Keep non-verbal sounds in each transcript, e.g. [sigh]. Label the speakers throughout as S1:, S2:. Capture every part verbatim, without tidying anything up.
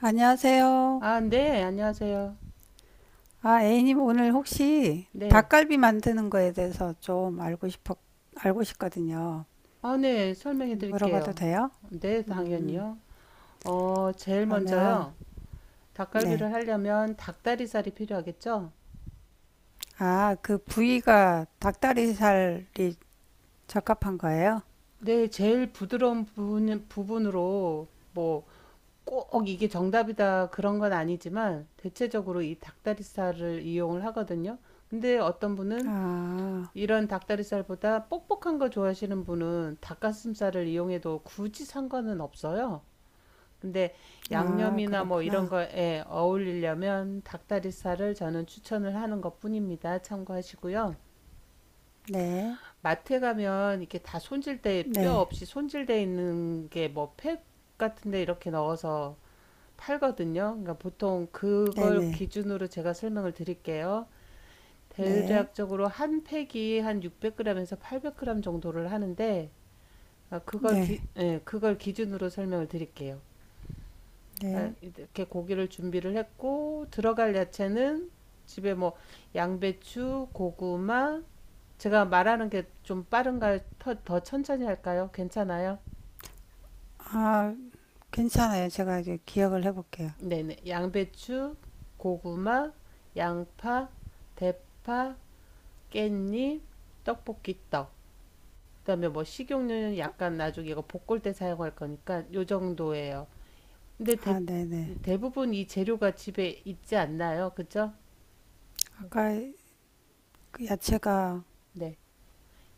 S1: 안녕하세요.
S2: 아, 네, 안녕하세요.
S1: 아, A님 오늘 혹시
S2: 네.
S1: 닭갈비 만드는 거에 대해서 좀 알고 싶어, 알고 싶거든요.
S2: 아, 네, 설명해
S1: 물어봐도
S2: 드릴게요.
S1: 돼요?
S2: 네,
S1: 음,
S2: 당연히요. 어, 제일
S1: 그러면,
S2: 먼저요.
S1: 네.
S2: 닭갈비를 하려면 닭다리살이 필요하겠죠?
S1: 아, 그 부위가 닭다리살이 적합한 거예요?
S2: 네, 제일 부드러운 부분, 부분으로 뭐 꼭 이게 정답이다 그런 건 아니지만 대체적으로 이 닭다리살을 이용을 하거든요. 근데 어떤 분은
S1: 아,
S2: 이런 닭다리살보다 뻑뻑한 거 좋아하시는 분은 닭가슴살을 이용해도 굳이 상관은 없어요. 근데
S1: 아,
S2: 양념이나 뭐 이런
S1: 그렇구나.
S2: 거에 어울리려면 닭다리살을 저는 추천을 하는 것뿐입니다. 참고하시고요.
S1: 네,
S2: 마트에 가면 이렇게 다 손질돼 뼈
S1: 네,
S2: 없이 손질돼 있는 게 뭐 팩 같은데 이렇게 넣어서 팔거든요. 그러니까 보통 그걸
S1: 네네,
S2: 기준으로 제가 설명을 드릴게요.
S1: 네, 네,
S2: 대략적으로 한 팩이 한 육백 그램에서 팔백 그램 정도를 하는데 아, 그걸
S1: 네.
S2: 기, 예, 그걸 기준으로 설명을 드릴게요.
S1: 네.
S2: 그러니까 이렇게 고기를 준비를 했고 들어갈 야채는 집에 뭐 양배추, 고구마. 제가 말하는 게 좀 빠른가요? 더, 더 천천히 할까요? 괜찮아요?
S1: 아, 괜찮아요. 제가 이제 기억을 해볼게요.
S2: 네네. 양배추, 고구마, 양파, 대파, 깻잎, 떡볶이 떡. 그다음에 뭐 식용유는 약간 나중에 이거 볶을 때 사용할 거니까 요 정도예요. 근데 대,
S1: 아, 네네.
S2: 대부분 이 재료가 집에 있지 않나요? 그죠?
S1: 아까 그 야채가
S2: 네.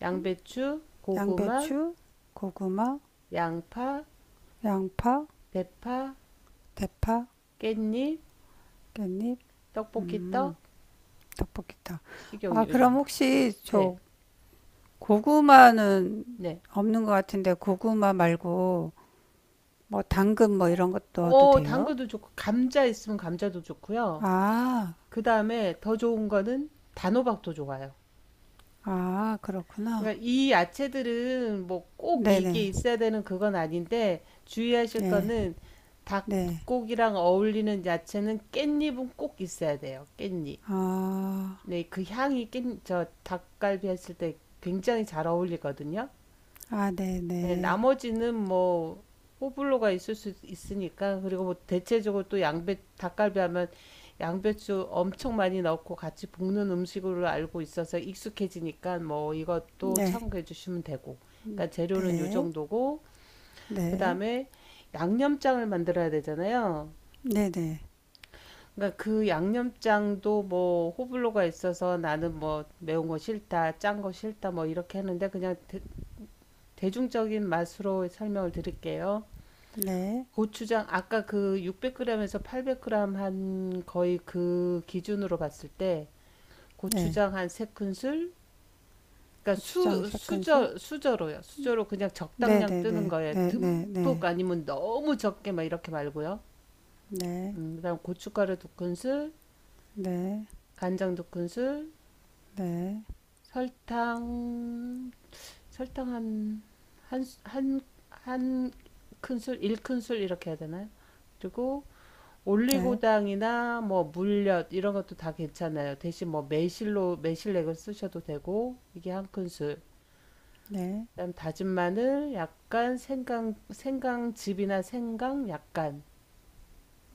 S2: 양배추, 고구마,
S1: 양배추, 고구마,
S2: 양파,
S1: 양파,
S2: 대파,
S1: 대파,
S2: 깻잎,
S1: 깻잎,
S2: 떡볶이
S1: 음,
S2: 떡,
S1: 떡볶이탕. 아,
S2: 식용유죠.
S1: 그럼 혹시
S2: 네,
S1: 저 고구마는
S2: 네.
S1: 없는 것 같은데 고구마 말고 뭐 당근 뭐 이런 것 넣어도
S2: 오,
S1: 돼요?
S2: 당근도 좋고, 감자 있으면 감자도 좋고요.
S1: 아,
S2: 그 다음에 더 좋은 거는 단호박도 좋아요.
S1: 아, 그렇구나.
S2: 그러니까 이 야채들은 뭐 꼭 이게
S1: 네네,
S2: 있어야 되는 그건 아닌데, 주의하실
S1: 예,
S2: 거는
S1: 네.
S2: 닭고기랑 어울리는 야채는 깻잎은 꼭 있어야 돼요. 깻잎.
S1: 아,
S2: 네, 그 향이 깻, 저 닭갈비 했을 때 굉장히 잘 어울리거든요.
S1: 아,
S2: 네,
S1: 네네,
S2: 나머지는 뭐 호불호가 있을 수 있으니까 그리고 뭐 대체적으로 또 양배 닭갈비 하면 양배추 엄청 많이 넣고 같이 볶는 음식으로 알고 있어서 익숙해지니까 뭐 이것도
S1: 네,
S2: 참고해 주시면 되고 그러니까
S1: 네,
S2: 재료는 요
S1: 네,
S2: 정도고
S1: 네.
S2: 그다음에 양념장을 만들어야 되잖아요.
S1: 네 네,
S2: 그러니까 그 양념장도 뭐 호불호가 있어서 나는 뭐 매운 거 싫다, 짠 거 싫다 뭐 이렇게 하는데 그냥 대, 대중적인 맛으로 설명을 드릴게요.
S1: 네,
S2: 고추장 아까 그 육백 그램에서 팔백 그램 한 거의 그 기준으로 봤을 때
S1: 네.
S2: 고추장 한 세 큰술 그러니까
S1: 고추장
S2: 수
S1: 세 큰술?
S2: 수저 수저로요. 수저로 그냥 적당량 뜨는
S1: 네네네,
S2: 거에 듬뿍
S1: 네네네.
S2: 아니면 너무 적게 막 이렇게 말고요.
S1: 네,
S2: 음, 그다음 고춧가루 두 큰술,
S1: 네,
S2: 간장 두 큰술,
S1: 네,
S2: 설탕 설탕 한 한 한 한 큰술, 일 큰술 이렇게 해야 되나요? 그리고
S1: 네,
S2: 올리고당이나 뭐 물엿 이런 것도 다 괜찮아요. 대신 뭐 매실로 매실액을 쓰셔도 되고 이게 한 큰술.
S1: 네,
S2: 그다음 다진 마늘 약간 생강 생강즙이나 생강 약간.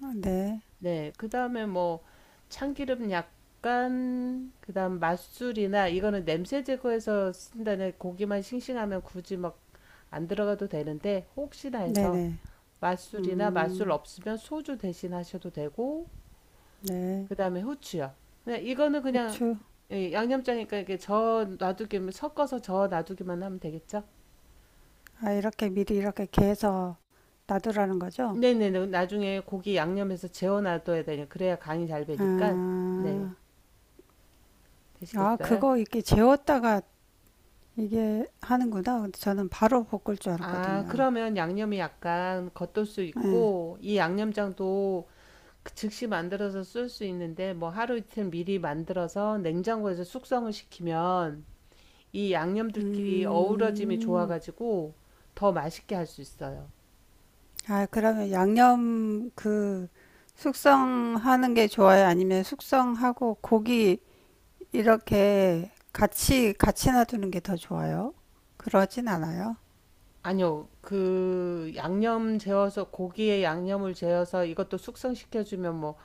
S1: 아, 네,
S2: 네. 그다음에 뭐 참기름 약간 그다음 맛술이나 이거는 냄새 제거해서 쓴다는 고기만 싱싱하면 굳이 막 안 들어가도 되는데 혹시나
S1: 네,
S2: 해서
S1: 네,
S2: 맛술이나 맛술
S1: 음,
S2: 없으면 소주 대신 하셔도 되고
S1: 네,
S2: 그다음에 후추요. 그냥 이거는 그냥
S1: 후추.
S2: 예, 양념장이니까 이렇게 저 놔두기만 섞어서 저 놔두기만 하면 되겠죠?
S1: 아, 이렇게 미리 이렇게 개서 놔두라는 거죠?
S2: 네네네. 나중에 고기 양념해서 재워놔둬야 되요 그래야 간이 잘
S1: 아,
S2: 배니까. 네.
S1: 아,
S2: 되시겠어요?
S1: 그거 이렇게 재웠다가 이게 하는구나. 근데 저는 바로 볶을 줄
S2: 아,
S1: 알았거든요.
S2: 그러면 양념이 약간 겉돌 수
S1: 예.
S2: 있고 이 양념장도 그 즉시 만들어서 쓸 수 있는데 뭐 하루 이틀 미리 만들어서 냉장고에서 숙성을 시키면 이 양념들끼리 어우러짐이
S1: 음,
S2: 좋아가지고 더 맛있게 할 수 있어요.
S1: 아, 그러면 양념 그 숙성하는 게 좋아요? 아니면 숙성하고 고기 이렇게 같이, 같이 놔두는 게 더 좋아요? 그러진 않아요?
S2: 아니요. 그 양념 재워서 고기에 양념을 재워서 이것도 숙성시켜 주면 뭐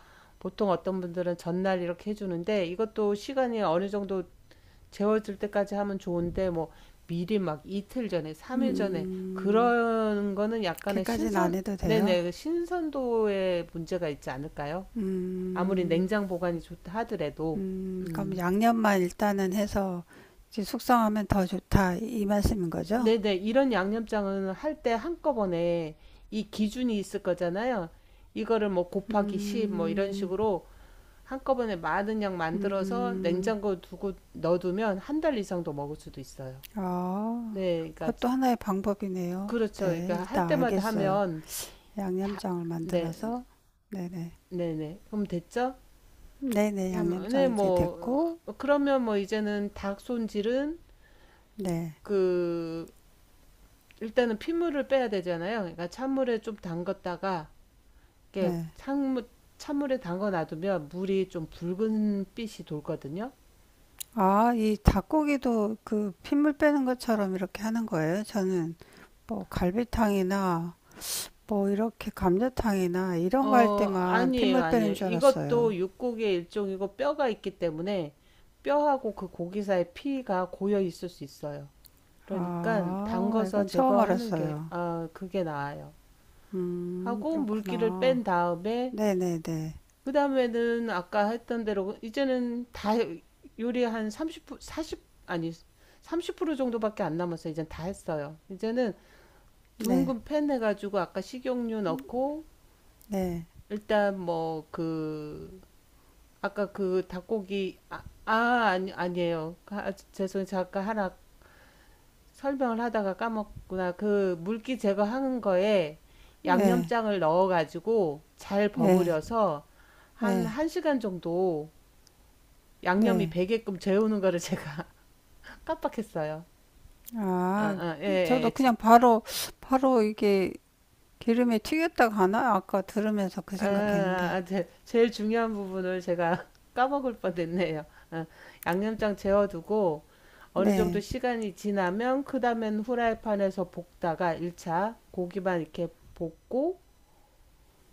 S2: 보통 어떤 분들은 전날 이렇게 해 주는데 이것도 시간이 어느 정도 재워질 때까지 하면 좋은데 뭐 미리 막 이틀 전에, 삼 일 전에
S1: 음,
S2: 그런 거는 약간의
S1: 그까진 안
S2: 신선
S1: 해도 돼요?
S2: 네네. 신선도에 문제가 있지 않을까요? 아무리
S1: 음,
S2: 냉장 보관이 좋다 하더라도.
S1: 음, 그럼
S2: 음.
S1: 양념만 일단은 해서 이제 숙성하면 더 좋다. 이 말씀인 거죠?
S2: 네네, 이런 양념장은 할 때 한꺼번에 이 기준이 있을 거잖아요. 이거를 뭐 곱하기 십 뭐 이런
S1: 음,
S2: 식으로 한꺼번에 많은 양 만들어서
S1: 음,
S2: 냉장고 두고 넣어두면 한 달 이상도 먹을 수도 있어요.
S1: 아,
S2: 네, 그러니까
S1: 그것도 하나의 방법이네요.
S2: 그렇죠.
S1: 네,
S2: 그러니까 할
S1: 일단
S2: 때마다
S1: 알겠어요.
S2: 하면 다,
S1: 양념장을
S2: 네,
S1: 만들어서, 네네.
S2: 네네. 그럼 됐죠?
S1: 네네,
S2: 그냥
S1: 양념장
S2: 네,
S1: 이제
S2: 뭐
S1: 됐고,
S2: 어, 그러면 뭐 이제는 닭 손질은
S1: 네,
S2: 그 일단은 핏물을 빼야 되잖아요. 그러니까 찬물에 좀 담갔다가 이렇게
S1: 네.
S2: 찬물, 찬물에 담가 놔두면 물이 좀 붉은 빛이 돌거든요.
S1: 아, 이 닭고기도 그 핏물 빼는 것처럼 이렇게 하는 거예요? 저는 뭐 갈비탕이나 뭐 이렇게 감자탕이나 이런 거 할
S2: 어,
S1: 때만
S2: 아니에요,
S1: 핏물
S2: 아니에요.
S1: 빼는 줄
S2: 이것도
S1: 알았어요.
S2: 육고기의 일종이고 뼈가 있기 때문에 뼈하고 그 고기 사이 피가 고여 있을 수 있어요. 그러니까
S1: 아,
S2: 담궈서
S1: 이건 처음
S2: 제거하는 게,
S1: 알았어요.
S2: 아, 그게 나아요.
S1: 음,
S2: 하고 물기를
S1: 그렇구나.
S2: 뺀 다음에
S1: 네네네.
S2: 그 다음에는 아까 했던 대로 이제는 다 요리 한 삼십, 사십, 아니 삼십 프로 정도밖에 안 남았어요. 이젠 다 했어요. 이제는
S1: 네,
S2: 둥근 팬 해가지고 아까 식용유 넣고
S1: 네,
S2: 일단 뭐 그 아까 그 닭고기 아, 아 아니 아니에요. 아, 죄송해요. 잠깐 하나 설명을 하다가 까먹구나. 그 물기 제거하는 거에
S1: 네,
S2: 양념장을 넣어가지고 잘
S1: 네,
S2: 버무려서 한
S1: 네,
S2: 1시간 정도 양념이
S1: 네.
S2: 배게끔 재우는 거를 제가 [laughs] 깜빡했어요. 아,
S1: 아,
S2: 아, 예, 예.
S1: 저도
S2: 예.
S1: 그냥 바로, 바로 이게 기름에 튀겼다가 하나? 아까 들으면서 그
S2: 아,
S1: 생각했는데.
S2: 아, 제, 제일 중요한 부분을 제가 [laughs] 까먹을 뻔했네요. 아, 양념장 재워두고 어느 정도
S1: 네,
S2: 시간이 지나면 그 다음엔 후라이팬에서 볶다가 일 차 고기만 이렇게 볶고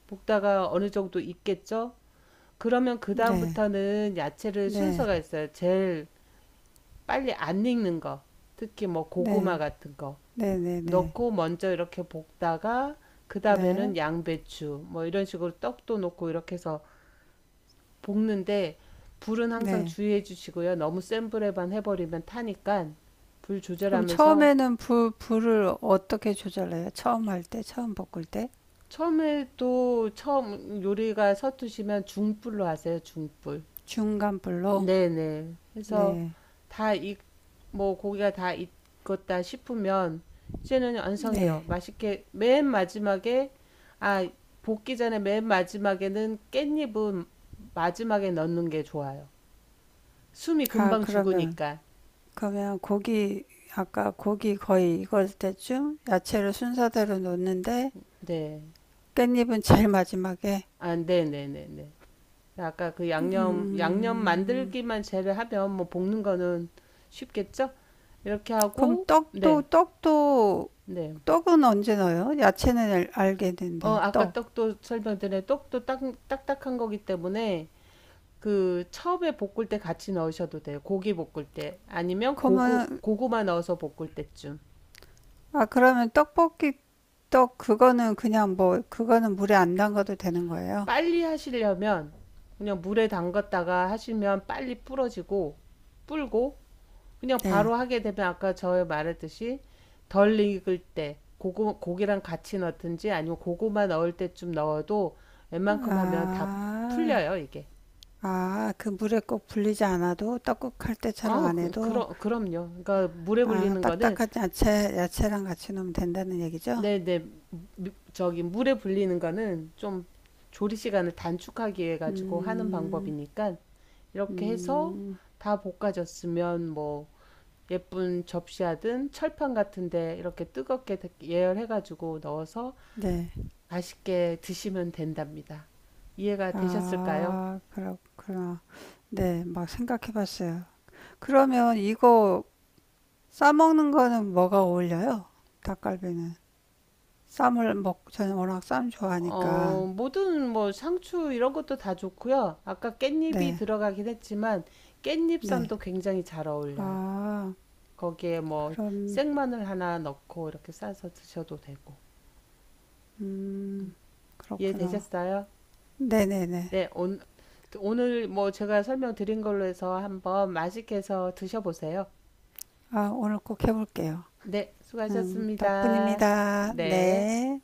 S2: 볶다가 어느 정도 익겠죠? 그러면 그
S1: 네,
S2: 다음부터는 야채를
S1: 네.
S2: 순서가 있어요. 제일 빨리 안 익는 거, 특히 뭐 고구마
S1: 네.
S2: 같은 거
S1: 네네네. 네.
S2: 넣고 먼저 이렇게 볶다가 그
S1: 네. 네.
S2: 다음에는 양배추 뭐 이런 식으로 떡도 넣고 이렇게 해서 볶는데 불은 항상
S1: 네.
S2: 주의해 주시고요. 너무 센 불에만 해버리면 타니까 불
S1: 그럼
S2: 조절하면서
S1: 처음에는 불, 불을 어떻게 조절해요? 처음 할 때, 처음 볶을 때?
S2: 처음에도 처음 요리가 서투시면 중불로 하세요. 중불.
S1: 중간 불로?
S2: 네네. 해서
S1: 네.
S2: 다 익, 뭐 고기가 다 익었다 싶으면 이제는
S1: 네.
S2: 완성해요. 맛있게 맨 마지막에 아 볶기 전에 맨 마지막에는 깻잎은 마지막에 넣는 게 좋아요. 숨이
S1: 아,
S2: 금방
S1: 그러면,
S2: 죽으니까.
S1: 그러면 고기, 아까 고기 거의 익을 때쯤 야채를 순서대로 놓는데
S2: 네.
S1: 깻잎은 제일 [laughs] 마지막에.
S2: 아 네네네네. 아까 그 양념 양념 만들기만 제외하면 뭐 볶는 거는 쉽겠죠? 이렇게
S1: 그럼
S2: 하고
S1: 떡도,
S2: 네.
S1: 떡도,
S2: 네.
S1: 떡은 언제 넣어요? 야채는 알,
S2: 어
S1: 알겠는데,
S2: 아까
S1: 떡.
S2: 떡도 설명드린 떡도 딱 딱딱한 거기 때문에 그 처음에 볶을 때 같이 넣으셔도 돼요. 고기 볶을 때 아니면 고구
S1: 그러면
S2: 고구마 넣어서 볶을 때쯤.
S1: 아, 그러면 떡볶이 떡 그거는 그냥 뭐 그거는 물에 안 담가도 되는 거예요?
S2: 빨리 하시려면 그냥 물에 담갔다가 하시면 빨리 불어지고 불고 그냥
S1: 네.
S2: 바로 하게 되면 아까 저 말했듯이 덜 익을 때 고구, 고기랑 같이 넣든지 아니면 고구마 넣을 때쯤 넣어도 웬만큼 하면 다
S1: 아,
S2: 풀려요, 이게.
S1: 아, 그 물에 꼭 불리지 않아도 떡국 할 때처럼
S2: 아,
S1: 안
S2: 그,
S1: 해도
S2: 그럼 그럼요. 그러니까 물에
S1: 아,
S2: 불리는 거는
S1: 딱딱한 야채 야채랑 같이 넣으면 된다는 얘기죠?
S2: 네, 네. 저기 물에 불리는 거는 좀 조리 시간을 단축하기 위해 가지고 하는
S1: 음,
S2: 방법이니까 이렇게 해서
S1: 음,
S2: 다 볶아졌으면 뭐 예쁜 접시하든 철판 같은데 이렇게 뜨겁게 예열해가지고 넣어서
S1: 네.
S2: 맛있게 드시면 된답니다. 이해가 되셨을까요?
S1: 아, 그렇구나. 네, 막 생각해봤어요. 그러면 이거 싸 먹는 거는 뭐가 어울려요? 닭갈비는. 쌈을 먹, 저는 워낙 쌈 좋아하니까.
S2: 어, 모든 뭐 상추 이런 것도 다 좋고요. 아까 깻잎이
S1: 네,
S2: 들어가긴 했지만
S1: 네.
S2: 깻잎쌈도 굉장히 잘 어울려요.
S1: 아,
S2: 거기에 뭐
S1: 그럼,
S2: 생마늘 하나 넣고 이렇게 싸서 드셔도 되고.
S1: 음, 그렇구나.
S2: 이해되셨어요?
S1: 네네네.
S2: 네, 온, 오늘 뭐 제가 설명드린 걸로 해서 한번 맛있게 해서 드셔보세요.
S1: 아, 오늘 꼭 해볼게요.
S2: 네,
S1: 음,
S2: 수고하셨습니다.
S1: 덕분입니다.
S2: 네.
S1: 네.